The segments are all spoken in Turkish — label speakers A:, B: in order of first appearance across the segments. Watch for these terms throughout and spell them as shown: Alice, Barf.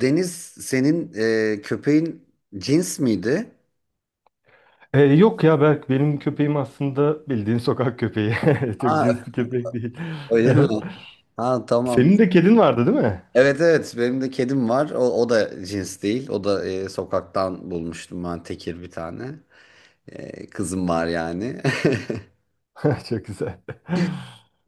A: Deniz, senin köpeğin cins miydi?
B: Yok ya Berk benim köpeğim aslında bildiğin sokak köpeği. Çok
A: Ha,
B: cins bir köpek değil.
A: öyle mi? Ha, tamam.
B: Senin de kedin vardı değil mi?
A: Evet, evet, benim de kedim var. O, o da cins değil. O da sokaktan bulmuştum ben, tekir bir tane. Kızım var yani.
B: Çok güzel.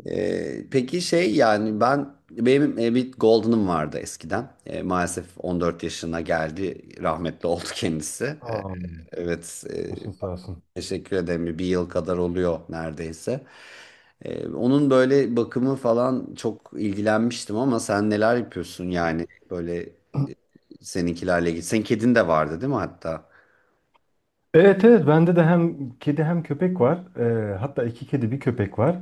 A: Peki şey, yani ben benim bir Golden'ım vardı eskiden. E, maalesef 14 yaşına geldi. Rahmetli oldu kendisi.
B: Aa,
A: Evet e,
B: başın sağ olsun.
A: Teşekkür ederim. Bir yıl kadar oluyor neredeyse. Onun böyle bakımı falan çok ilgilenmiştim ama sen neler yapıyorsun yani böyle seninkilerle ilgili? Senin kedin de vardı değil mi hatta?
B: Evet, evet, bende de hem kedi hem köpek var. Hatta iki kedi bir köpek var.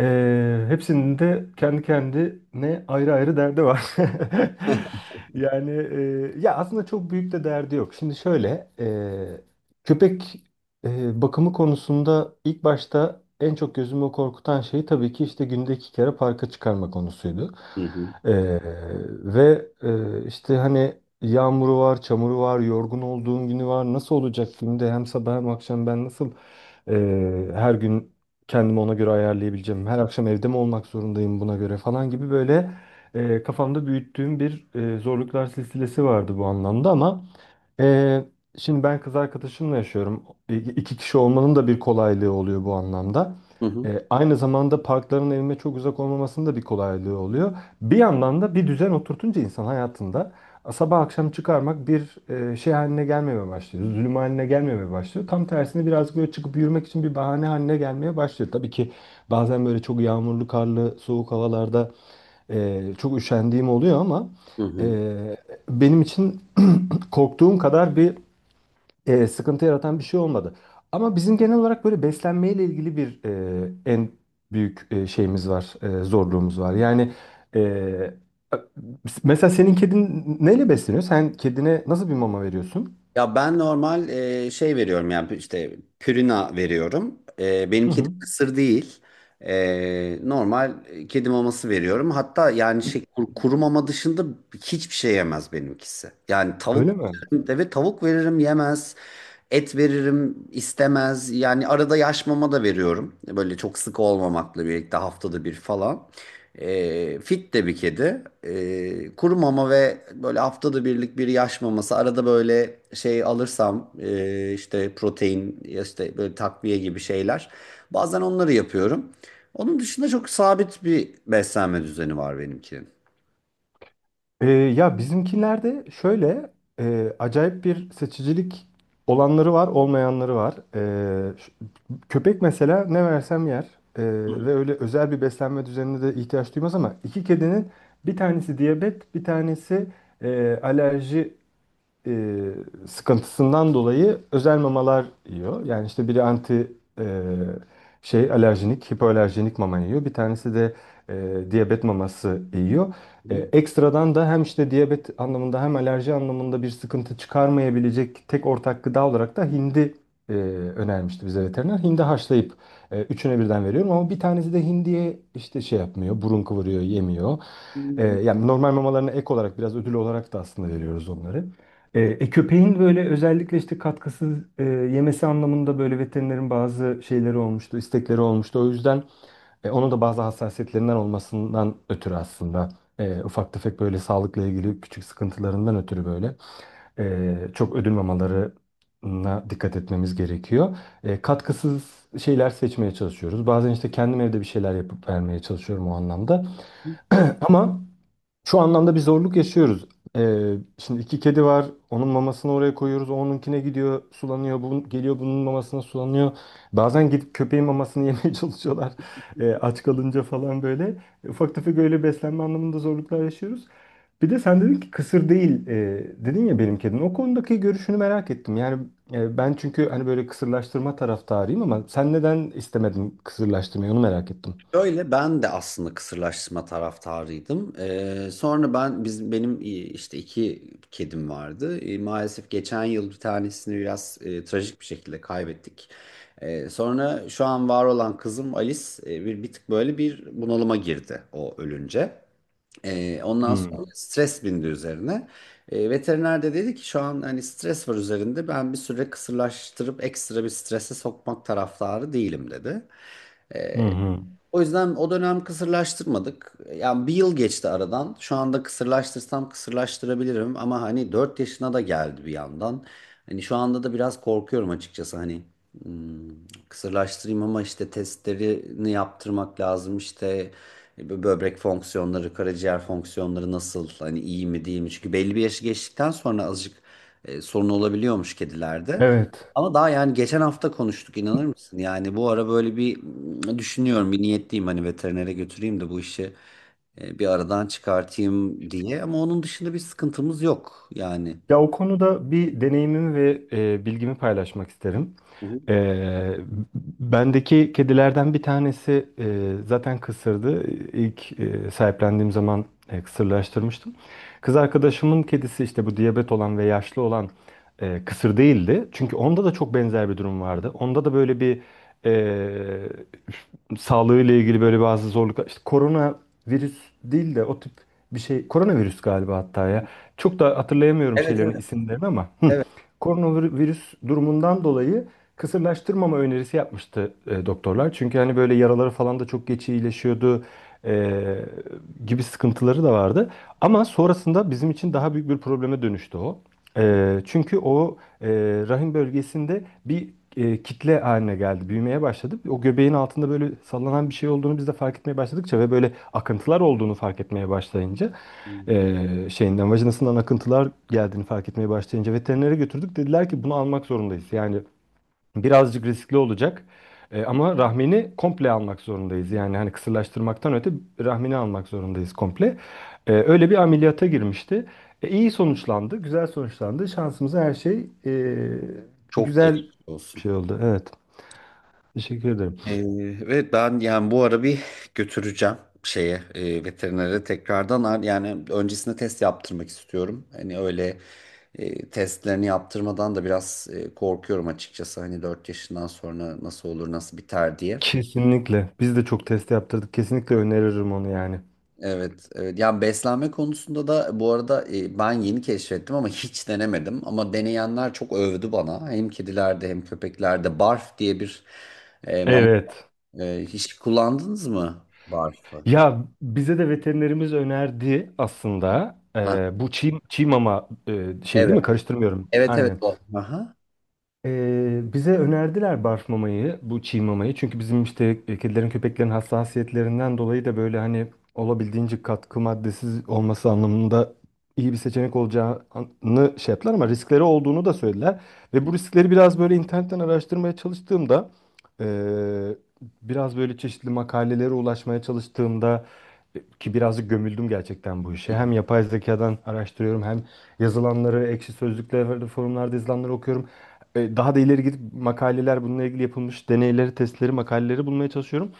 B: Hepsinin de kendi kendine ayrı ayrı derdi var. Yani, ya aslında çok büyük de derdi yok. Şimdi şöyle, köpek bakımı konusunda ilk başta en çok gözümü korkutan şey tabii ki işte günde iki kere parka çıkarma konusuydu.
A: Hı hı.
B: Ee, ve işte hani yağmuru var, çamuru var, yorgun olduğum günü var. Nasıl olacak, günde hem sabah hem akşam ben nasıl her gün kendimi ona göre ayarlayabileceğim? Her akşam evde mi olmak zorundayım buna göre falan gibi, böyle kafamda büyüttüğüm bir zorluklar silsilesi vardı bu anlamda. Ama e, şimdi ben kız arkadaşımla yaşıyorum. İki kişi olmanın da bir kolaylığı oluyor bu anlamda.
A: Hı hı.
B: Aynı zamanda parkların evime çok uzak olmamasının da bir kolaylığı oluyor. Bir yandan da bir düzen oturtunca insan hayatında sabah akşam çıkarmak bir şey haline gelmemeye başlıyor. Zulüm haline gelmemeye başlıyor. Tam tersine, birazcık böyle çıkıp yürümek için bir bahane haline gelmeye başlıyor. Tabii ki bazen böyle çok yağmurlu, karlı, soğuk havalarda çok üşendiğim oluyor. Ama
A: Hı
B: e,
A: hı.
B: benim için korktuğum kadar bir sıkıntı yaratan bir şey olmadı. Ama bizim genel olarak böyle beslenmeyle ilgili bir en büyük şeyimiz var, zorluğumuz var. Yani e, mesela senin kedin neyle besleniyor? Sen kedine nasıl bir mama veriyorsun?
A: Ya ben normal şey veriyorum yani işte, pürina veriyorum. E, benim
B: Hı
A: kedim
B: hı.
A: kısır değil. Normal kedi maması veriyorum. Hatta yani şey, kuru mama dışında hiçbir şey yemez benimkisi. Yani tavuk,
B: Öyle mi?
A: evet, tavuk veririm yemez. Et veririm istemez. Yani arada yaş mama da veriyorum. Böyle çok sık olmamakla birlikte, haftada bir falan. E, fit de bir kedi. E, kuru mama ve böyle haftada birlik bir yaş maması. Arada böyle şey alırsam işte protein, ya işte böyle takviye gibi şeyler. Bazen onları yapıyorum. Onun dışında çok sabit bir beslenme düzeni var benimkinin.
B: Ya bizimkilerde şöyle acayip bir seçicilik olanları var, olmayanları var. Köpek mesela ne versem yer. Ee, ve öyle özel bir beslenme düzenine de ihtiyaç duymaz, ama iki kedinin bir tanesi diyabet, bir tanesi alerji e, sıkıntısından dolayı özel mamalar yiyor. Yani işte biri anti e, şey alerjinik, hipoalerjinik mama yiyor. Bir tanesi de diyabet maması yiyor. Ekstradan da hem işte diyabet anlamında hem alerji anlamında bir sıkıntı çıkarmayabilecek tek ortak gıda olarak da hindi e, önermişti bize veteriner. Hindi haşlayıp üçüne birden veriyorum, ama bir tanesi de hindiye işte şey yapmıyor, burun kıvırıyor, yemiyor.
A: Hı.
B: Yani normal mamalarına ek olarak biraz ödül olarak da aslında veriyoruz onları. Köpeğin böyle özellikle işte katkısız yemesi anlamında böyle veterinerin bazı şeyleri olmuştu, istekleri olmuştu. O yüzden onun da bazı hassasiyetlerinden olmasından ötürü aslında ufak tefek böyle sağlıkla ilgili küçük sıkıntılarından ötürü böyle çok ödül mamalarına dikkat etmemiz gerekiyor. Katkısız şeyler seçmeye çalışıyoruz. Bazen işte kendim evde bir şeyler yapıp vermeye çalışıyorum o anlamda. Ama şu anlamda bir zorluk yaşıyoruz. Şimdi iki kedi var. Onun mamasını oraya koyuyoruz. Onunkine gidiyor, sulanıyor. Bu geliyor, bunun mamasına sulanıyor. Bazen gidip köpeğin mamasını yemeye çalışıyorlar. Aç kalınca falan böyle. Ufak tefek öyle beslenme anlamında zorluklar yaşıyoruz. Bir de sen dedin ki kısır değil, dedin ya benim kedim. O konudaki görüşünü merak ettim. Yani ben çünkü hani böyle kısırlaştırma taraftarıyım, ama sen neden istemedin kısırlaştırmayı, onu merak ettim.
A: Şöyle, ben de aslında kısırlaştırma taraftarıydım. Sonra benim işte iki kedim vardı. E, maalesef geçen yıl bir tanesini biraz trajik bir şekilde kaybettik. E, sonra şu an var olan kızım Alice bir tık böyle bir bunalıma girdi o ölünce. E, ondan sonra
B: Hmm.
A: stres bindi üzerine. E, veteriner de dedi ki şu an hani stres var üzerinde, ben bir süre kısırlaştırıp ekstra bir strese sokmak taraftarı değilim dedi.
B: Hı hı.
A: O yüzden o dönem kısırlaştırmadık. Yani bir yıl geçti aradan. Şu anda kısırlaştırsam kısırlaştırabilirim ama hani 4 yaşına da geldi bir yandan. Hani şu anda da biraz korkuyorum açıkçası, hani kısırlaştırayım ama işte testlerini yaptırmak lazım. İşte böbrek fonksiyonları, karaciğer fonksiyonları nasıl, hani iyi mi değil mi? Çünkü belli bir yaşı geçtikten sonra azıcık sorun olabiliyormuş kedilerde.
B: Evet.
A: Ama daha, yani geçen hafta konuştuk, inanır mısın? Yani bu ara böyle bir, düşünüyorum, bir niyetliyim hani veterinere götüreyim de bu işi bir aradan çıkartayım diye. Ama onun dışında bir sıkıntımız yok yani.
B: Ya o konuda bir deneyimimi ve bilgimi paylaşmak isterim.
A: Hı hı.
B: Ee, bendeki kedilerden bir tanesi zaten kısırdı. İlk sahiplendiğim zaman kısırlaştırmıştım. Kız arkadaşımın kedisi işte bu diyabet olan ve yaşlı olan kısır değildi. Çünkü onda da çok benzer bir durum vardı. Onda da böyle bir e, sağlığıyla ilgili böyle bazı zorluklar. İşte korona virüs değil de o tip bir şey. Koronavirüs galiba hatta ya. Çok da hatırlayamıyorum
A: Evet,
B: şeylerin
A: evet,
B: isimlerini ama. Hı.
A: evet.
B: Koronavirüs durumundan dolayı kısırlaştırmama önerisi yapmıştı doktorlar. Çünkü hani böyle yaraları falan da çok geç iyileşiyordu e, gibi sıkıntıları da vardı. Ama sonrasında bizim için daha büyük bir probleme dönüştü o. Çünkü o rahim bölgesinde bir kitle haline geldi, büyümeye başladı. O göbeğin altında böyle sallanan bir şey olduğunu biz de fark etmeye başladıkça ve böyle akıntılar olduğunu fark etmeye başlayınca
A: Hmm.
B: şeyinden, vajinasından akıntılar geldiğini fark etmeye başlayınca veterinere götürdük. Dediler ki bunu almak zorundayız. Yani birazcık riskli olacak. Ama rahmini komple almak zorundayız. Yani hani kısırlaştırmaktan öte rahmini almak zorundayız komple. Öyle bir ameliyata girmişti. İyi sonuçlandı, güzel sonuçlandı. Şansımıza her şey
A: Çok
B: güzel
A: geçmiş
B: bir
A: olsun.
B: şey oldu. Evet. Teşekkür ederim.
A: Ee, Ve ben yani bu ara bir götüreceğim şeye, veterinere tekrardan. Yani öncesinde test yaptırmak istiyorum. Hani öyle testlerini yaptırmadan da biraz korkuyorum açıkçası. Hani 4 yaşından sonra nasıl olur nasıl biter diye.
B: Kesinlikle. Biz de çok test yaptırdık. Kesinlikle öneririm onu yani.
A: Evet, evet. Yani beslenme konusunda da bu arada ben yeni keşfettim ama hiç denemedim. Ama deneyenler çok övdü bana. Hem kedilerde hem köpeklerde Barf diye bir mama,
B: Evet.
A: hiç kullandınız mı Barf'ı?
B: Ya bize de veterinerimiz önerdi aslında.
A: Ha,
B: Bu çiğ, mama şeyi değil
A: evet.
B: mi? Karıştırmıyorum.
A: Evet, evet,
B: Aynen.
A: o. Aha.
B: Bize önerdiler barf mamayı, bu çiğ mamayı. Çünkü bizim işte kedilerin, köpeklerin hassasiyetlerinden dolayı da böyle hani olabildiğince katkı maddesiz olması anlamında iyi bir seçenek olacağını şey yaptılar, ama riskleri olduğunu da söylediler. Ve bu
A: Hı
B: riskleri biraz böyle internetten araştırmaya çalıştığımda e, biraz böyle çeşitli makalelere ulaşmaya çalıştığımda, ki birazcık gömüldüm gerçekten bu işe.
A: hı.
B: Hem yapay zekadan araştırıyorum, hem yazılanları, ekşi sözlüklerde, forumlarda yazılanları okuyorum. Daha da ileri gidip makaleler, bununla ilgili yapılmış deneyleri, testleri, makaleleri bulmaya çalışıyorum.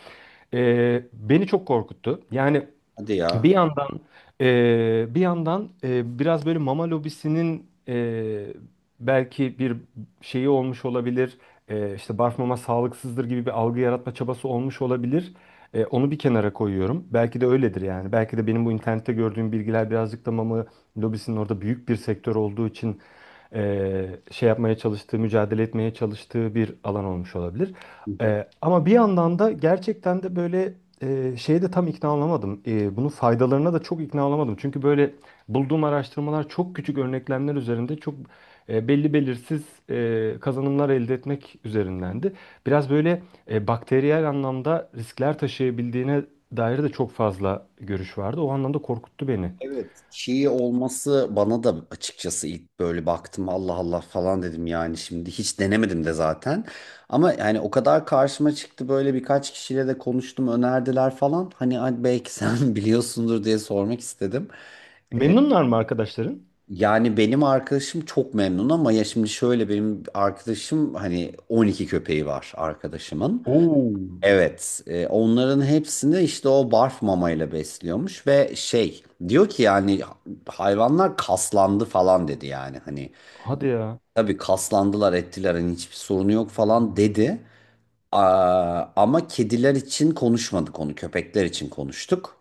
B: E, beni çok korkuttu. Yani
A: Hadi
B: bir
A: ya.
B: yandan, bir yandan biraz böyle mama lobisinin belki bir şeyi olmuş olabilir. İşte barf mama sağlıksızdır gibi bir algı yaratma çabası olmuş olabilir. Onu bir kenara koyuyorum. Belki de öyledir yani. Belki de benim bu internette gördüğüm bilgiler birazcık da mama lobisinin orada büyük bir sektör olduğu için şey yapmaya çalıştığı, mücadele etmeye çalıştığı bir alan olmuş olabilir.
A: Hı hı.
B: Ama bir yandan da gerçekten de böyle şeye de tam ikna olamadım. Bunun faydalarına da çok ikna olamadım. Çünkü böyle bulduğum araştırmalar çok küçük örneklemler üzerinde çok belli belirsiz kazanımlar elde etmek üzerindendi. Biraz böyle bakteriyel anlamda riskler taşıyabildiğine dair de çok fazla görüş vardı. O anlamda korkuttu beni.
A: Evet. Çiğ olması bana da açıkçası, ilk böyle baktım Allah Allah falan dedim, yani şimdi hiç denemedim de zaten. Ama yani o kadar karşıma çıktı, böyle birkaç kişiyle de konuştum, önerdiler falan. Hani, "Ay, belki sen biliyorsundur" diye sormak istedim.
B: Memnunlar mı arkadaşların?
A: Yani benim arkadaşım çok memnun ama ya şimdi şöyle, benim arkadaşım hani 12 köpeği var arkadaşımın.
B: Oo.
A: Evet, onların hepsini işte o barf mamayla besliyormuş ve şey, diyor ki yani hayvanlar kaslandı falan dedi, yani hani
B: Hadi ya.
A: tabii kaslandılar ettiler, hani hiçbir sorunu yok falan dedi. Aa, ama kediler için konuşmadık onu, köpekler için konuştuk.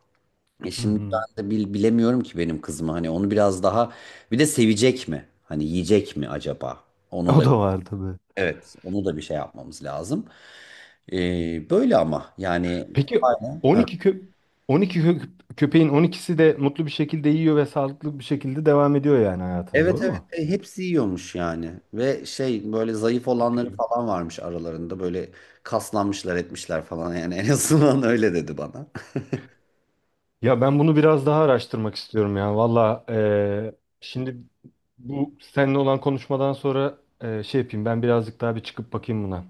A: E
B: Hı
A: şimdi
B: hı.
A: ben de bilemiyorum ki benim kızımı, hani onu biraz daha bir de sevecek mi? Hani yiyecek mi acaba? Onu
B: O
A: da,
B: da vardı.
A: evet, onu da bir şey yapmamız lazım. E, böyle ama yani...
B: Peki, 12 kö 12 kö köpeğin 12'si de mutlu bir şekilde yiyor ve sağlıklı bir şekilde devam ediyor, yani hayatına
A: Evet,
B: doğru
A: evet.
B: mu?
A: E, hepsi yiyormuş yani ve şey, böyle zayıf
B: Çok
A: olanları
B: iyi.
A: falan varmış aralarında, böyle kaslanmışlar etmişler falan yani, en azından öyle dedi bana.
B: Ya ben bunu biraz daha araştırmak istiyorum ya. Valla, şimdi bu seninle olan konuşmadan sonra şey yapayım, ben birazcık daha bir çıkıp bakayım buna.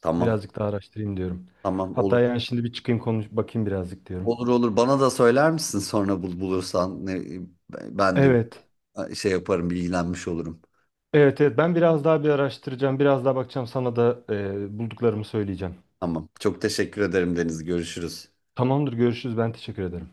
A: Tamam,
B: Birazcık daha araştırayım diyorum.
A: tamam,
B: Hatta
A: olur,
B: yani şimdi bir çıkayım, konuş bakayım birazcık diyorum.
A: olur, olur, bana da söyler misin sonra, bulursan ne, ben de
B: Evet.
A: şey yaparım, bilgilenmiş olurum.
B: Evet, evet, ben biraz daha bir araştıracağım. Biraz daha bakacağım, sana da bulduklarımı söyleyeceğim.
A: Tamam, çok teşekkür ederim Deniz, görüşürüz.
B: Tamamdır, görüşürüz, ben teşekkür ederim.